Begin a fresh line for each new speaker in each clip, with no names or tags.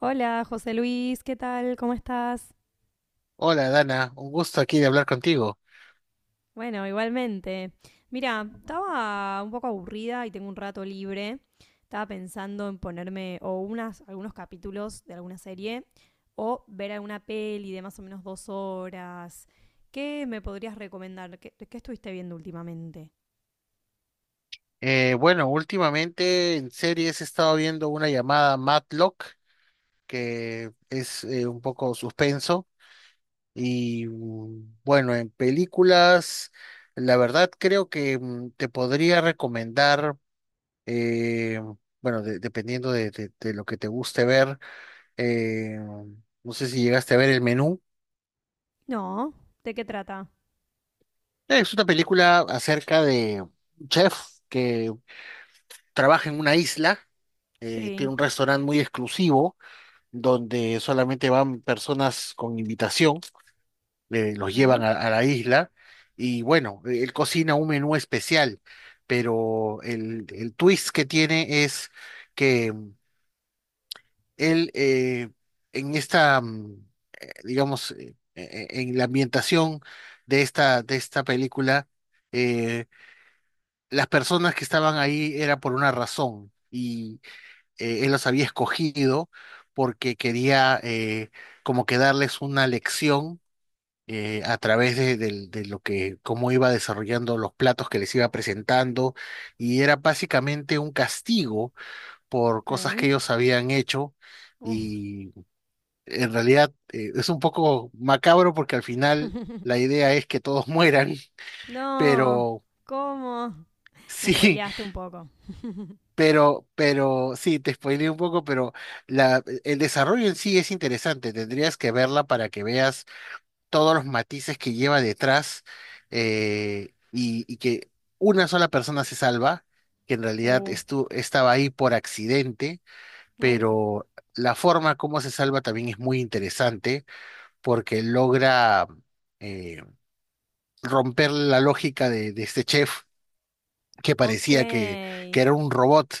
Hola, José Luis, ¿qué tal? ¿Cómo estás?
Hola Dana, un gusto aquí de hablar contigo.
Bueno, igualmente. Mira, estaba un poco aburrida y tengo un rato libre. Estaba pensando en ponerme o algunos capítulos de alguna serie o ver alguna peli de más o menos 2 horas. ¿Qué me podrías recomendar? ¿Qué estuviste viendo últimamente?
Bueno, Últimamente en series he estado viendo una llamada Matlock, que es un poco suspenso, y bueno, en películas, la verdad creo que te podría recomendar, eh, dependiendo de, de lo que te guste ver. eh, no sé si llegaste a ver El Menú.
No, ¿de qué trata?
Es una película acerca de un chef que trabaja en una isla.
Sí,
Tiene un restaurante muy exclusivo donde solamente van personas con invitación. Los llevan
ok,
a la isla y bueno, él cocina un menú especial, pero el twist que tiene es que él en esta, mm, digamos, en la ambientación de esta película, eh, las personas que estaban ahí era por una razón. Él los había escogido porque quería, como que darles una lección a través de, de lo que, cómo iba desarrollando los platos que les iba presentando, y era básicamente un castigo por
ok.
cosas que ellos habían hecho,
Uh,
y en realidad es un poco macabro porque al final la idea es que todos mueran,
No,
pero
¿cómo? Me
sí.
spoileaste un poco.
Pero, sí, te spoileé un poco, pero la, el desarrollo en sí es interesante. Tendrías que verla para que veas todos los matices que lleva detrás, y que una sola persona se salva, que en realidad
Uh,
estaba ahí por accidente,
no.
pero la forma como se salva también es muy interesante porque logra, eh, romper la lógica de este chef que
Ok.
parecía que era un robot,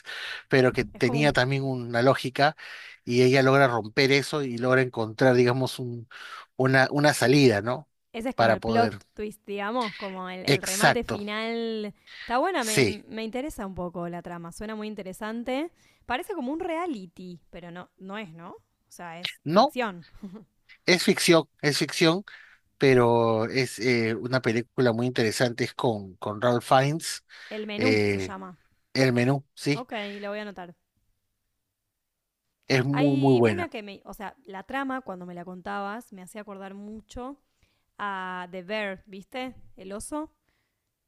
pero que
como
tenía
un-
también una lógica, y ella logra romper eso y logra encontrar, digamos, un, una salida, ¿no?
ese es como
Para
el
poder.
plot twist, digamos, como el remate
Exacto,
final. Está buena,
sí.
me interesa un poco la trama, suena muy interesante. Parece como un reality, pero no, no es, ¿no? O sea, es
No,
ficción.
es ficción, pero es una película muy interesante, es con Ralph Fiennes.
El menú se
eh,
llama.
El Menú, sí,
Ok, lo voy a anotar.
es muy, muy
Hay una
buena.
que o sea, la trama, cuando me la contabas, me hacía acordar mucho a The Bear, ¿viste? El oso.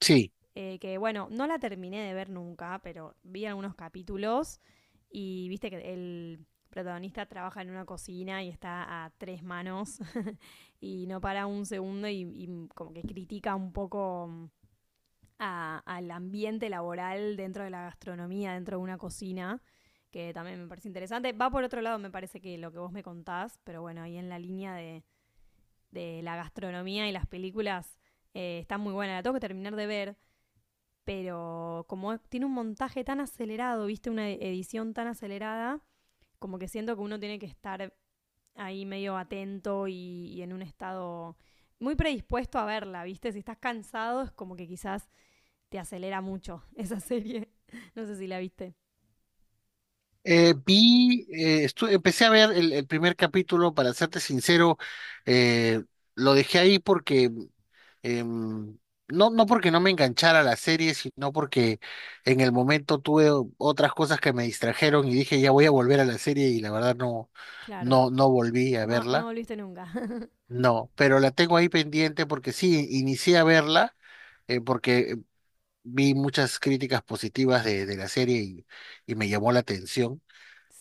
Sí.
Que bueno, no la terminé de ver nunca, pero vi algunos capítulos y viste que el protagonista trabaja en una cocina y está a tres manos y no para un segundo y como que critica un poco al ambiente laboral dentro de la gastronomía, dentro de una cocina, que también me parece interesante. Va por otro lado, me parece que lo que vos me contás, pero bueno, ahí en la línea de, la gastronomía y las películas está muy buena. La tengo que terminar de ver pero como tiene un montaje tan acelerado, viste, una edición tan acelerada, como que siento que uno tiene que estar ahí medio atento y en un estado muy predispuesto a verla, viste. Si estás cansado, es como que quizás te acelera mucho esa serie. No sé si la viste.
Vi, empecé a ver el primer capítulo, para serte sincero. eh, lo dejé ahí porque, em, no, no porque no me enganchara a la serie, sino porque en el momento tuve otras cosas que me distrajeron y dije, ya voy a volver a la serie y la verdad no,
Claro.
no volví a
No, no
verla.
volviste nunca.
No, pero la tengo ahí pendiente porque sí, inicié a verla, porque vi muchas críticas positivas de la serie y me llamó la atención.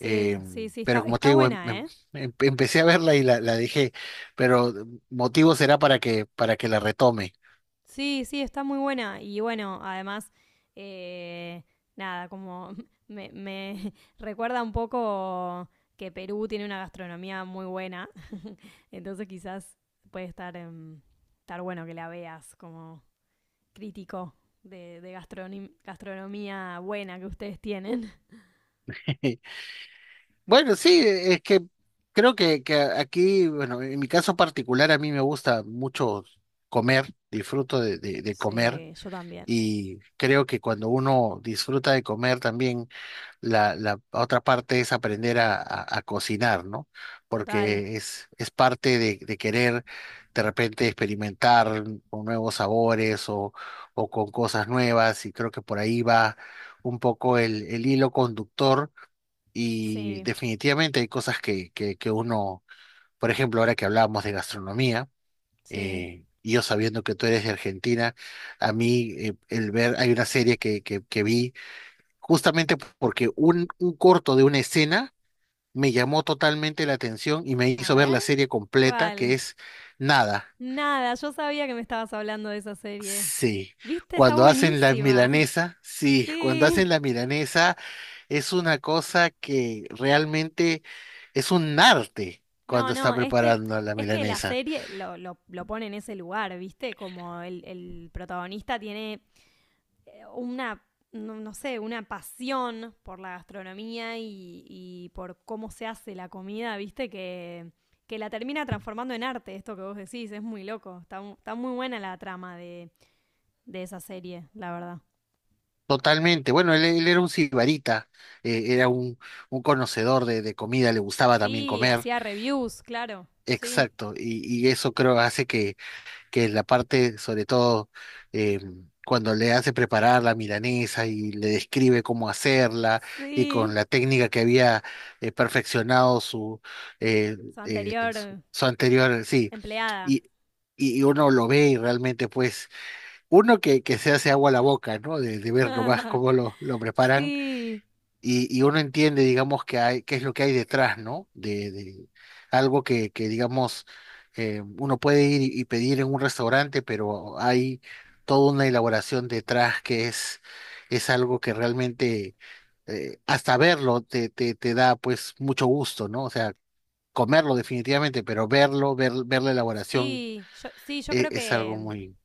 Eh,
sí, sí, está,
pero como te
está
digo,
buena, ¿eh?
empecé a verla y la dejé, pero motivo será para que la retome.
Sí, sí, está muy buena. Y bueno, además, eh, nada, como me recuerda un poco que Perú tiene una gastronomía muy buena. Entonces quizás puede estar bueno que la veas como crítico de gastronomía buena que ustedes tienen.
Bueno, sí, e, es que creo que aquí, bueno, en mi caso particular, a mí me gusta mucho comer, disfruto de, de comer
Sí, yo también.
y creo que cuando uno disfruta de comer también la otra parte es aprender a, a cocinar, ¿no?
Total,
Porque es parte de querer de repente experimentar con nuevos sabores o con cosas nuevas y creo que por ahí va un poco el hilo conductor y
sí,
definitivamente hay cosas que uno, por ejemplo, ahora que hablábamos de gastronomía,
sí.
y yo sabiendo que tú eres de Argentina, a mí el ver, hay una serie que vi justamente porque un corto de una escena me llamó totalmente la atención y me
A
hizo ver
ver,
la serie completa, que
¿cuál?
es Nada.
Nada, yo sabía que me estabas hablando de esa serie.
Sí,
¿Viste? Está
cuando hacen la
buenísima.
milanesa, sí, cuando
Sí.
hacen la milanesa es una cosa que realmente es un arte
No,
cuando está
no, este.
preparando la
Es que la
milanesa.
serie lo pone en ese lugar, ¿viste? Como el protagonista tiene una, no, no sé, una pasión por la gastronomía y por cómo se hace la comida, ¿viste? Que la termina transformando en arte, esto que vos decís, es muy loco. Está muy buena la trama de esa serie, la verdad.
Totalmente. Bueno, él era un sibarita. Era un conocedor de comida, le gustaba también
Sí,
comer.
hacía reviews, claro. Sí.
Exacto. Y eso creo hace que es la parte, sobre todo, eh, cuando le hace preparar la milanesa y le describe cómo hacerla y con
Sí.
la técnica que había, perfeccionado su, eh,
Su
su,
anterior
su anterior, sí.
empleada.
Y, y uno lo ve y realmente, pues, uno que se hace agua a la boca, ¿no? De ver nomás cómo lo preparan
Sí,
y uno entiende, digamos, que hay, qué es lo que hay detrás, ¿no? De algo que digamos, uno puede ir y pedir en un restaurante, pero hay toda una elaboración detrás que es algo que realmente, hasta verlo te, te, te da pues mucho gusto, ¿no? O sea, comerlo definitivamente, pero verlo, ver, ver la elaboración,
sí, sí, yo creo
es, algo
que
muy...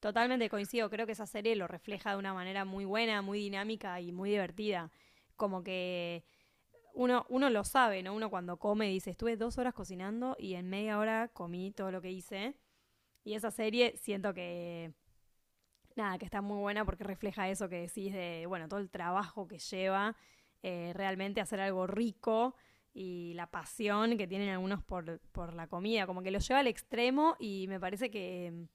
totalmente coincido, creo que esa serie lo refleja de una manera muy buena, muy dinámica y muy divertida. Como que uno lo sabe, ¿no? Uno cuando come dice, estuve 2 horas cocinando y en media hora comí todo lo que hice. Y esa serie siento que nada, que está muy buena porque refleja eso que decís de, bueno, todo el trabajo que lleva realmente hacer algo rico y la pasión que tienen algunos por la comida, como que lo lleva al extremo y me parece que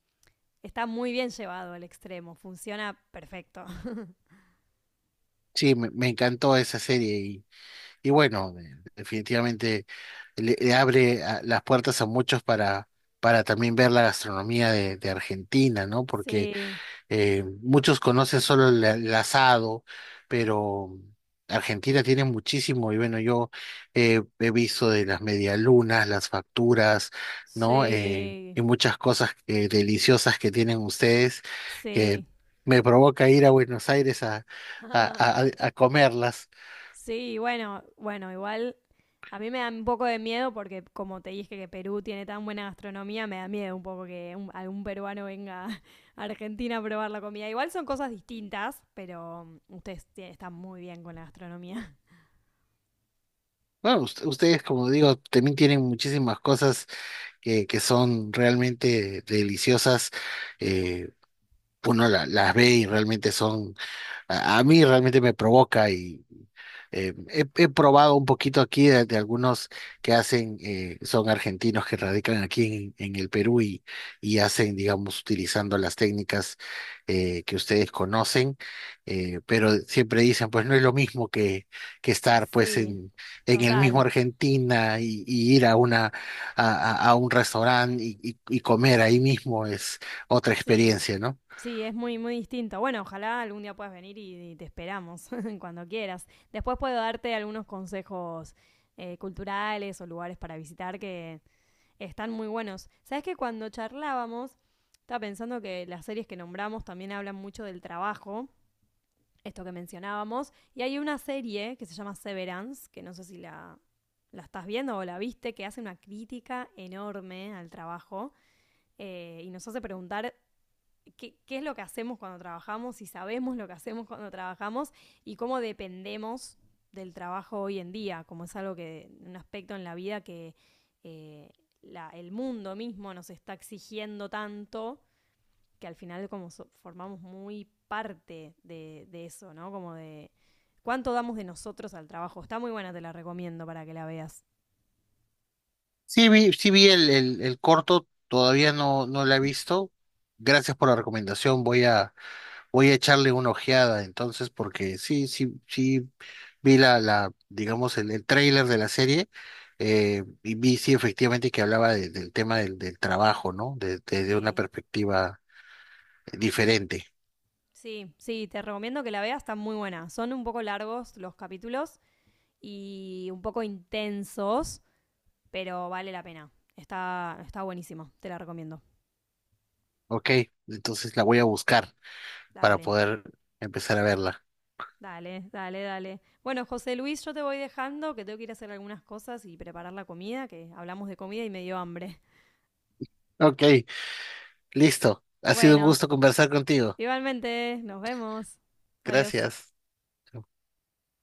está muy bien llevado al extremo, funciona perfecto.
Sí, me encantó esa serie y bueno, definitivamente... le abre las puertas a muchos para también ver la gastronomía de Argentina, ¿no? Porque
Sí,
muchos conocen solo el asado, pero Argentina tiene muchísimo, y bueno, yo he visto de las medialunas, las facturas, ¿no?
sí,
Y muchas cosas deliciosas que tienen ustedes que
sí.
me provoca ir a Buenos Aires a comerlas.
Sí, bueno, bueno, igual a mí me da un poco de miedo porque, como te dije que Perú tiene tan buena gastronomía, me da miedo un poco que algún peruano venga a Argentina a probar la comida. Igual son cosas distintas, pero ustedes están muy bien con la gastronomía.
Bueno, ustedes, como digo, también tienen muchísimas cosas que son realmente deliciosas. eh, Uno las ve y realmente son, a mí realmente me provoca y, he, he probado un poquito aquí de algunos que hacen, son argentinos que radican aquí en el Perú y hacen, digamos, utilizando las técnicas que ustedes conocen. Pero siempre dicen, pues no es lo mismo que
Y
estar pues
sí,
en el mismo
total,
Argentina y ir a una, a, a un restaurante y comer ahí mismo es otra
sí.
experiencia, ¿no?
Sí, es muy, muy distinto. Bueno, ojalá algún día puedas venir y te esperamos cuando quieras. Después puedo darte algunos consejos culturales o lugares para visitar que están muy buenos. ¿Sabes que cuando charlábamos, estaba pensando que las series que nombramos también hablan mucho del trabajo, esto que mencionábamos, y hay una serie que se llama Severance, que no sé si la estás viendo o la viste, que hace una crítica enorme al trabajo y nos hace preguntar qué es lo que hacemos cuando trabajamos, si sabemos lo que hacemos cuando trabajamos y cómo dependemos del trabajo hoy en día, como es algo que, un aspecto en la vida que eh, el mundo mismo nos está exigiendo tanto que al final como formamos muy parte de eso, ¿no? Como de cuánto damos de nosotros al trabajo. Está muy buena, te la recomiendo para que la veas.
Sí vi el corto, todavía no, no lo he visto. Gracias por la recomendación, voy a, voy a echarle una ojeada entonces, porque sí, sí, sí vi la, la, digamos, el tráiler de la serie, y vi sí efectivamente que hablaba del tema del, del trabajo, ¿no? De, de una
Sí,
perspectiva diferente.
sí, sí, te recomiendo que la veas, está muy buena. Son un poco largos los capítulos, y un poco intensos, pero vale la pena. Está buenísimo, te la recomiendo.
Ok, entonces la voy a buscar para
Dale,
poder empezar a verla.
dale, dale, dale. Bueno, José Luis, yo te voy dejando, que tengo que ir a hacer algunas cosas y preparar la comida, que hablamos de comida y me dio hambre.
Ok, listo. Ha sido un
Bueno,
gusto conversar contigo.
igualmente, nos vemos. Adiós.
Gracias.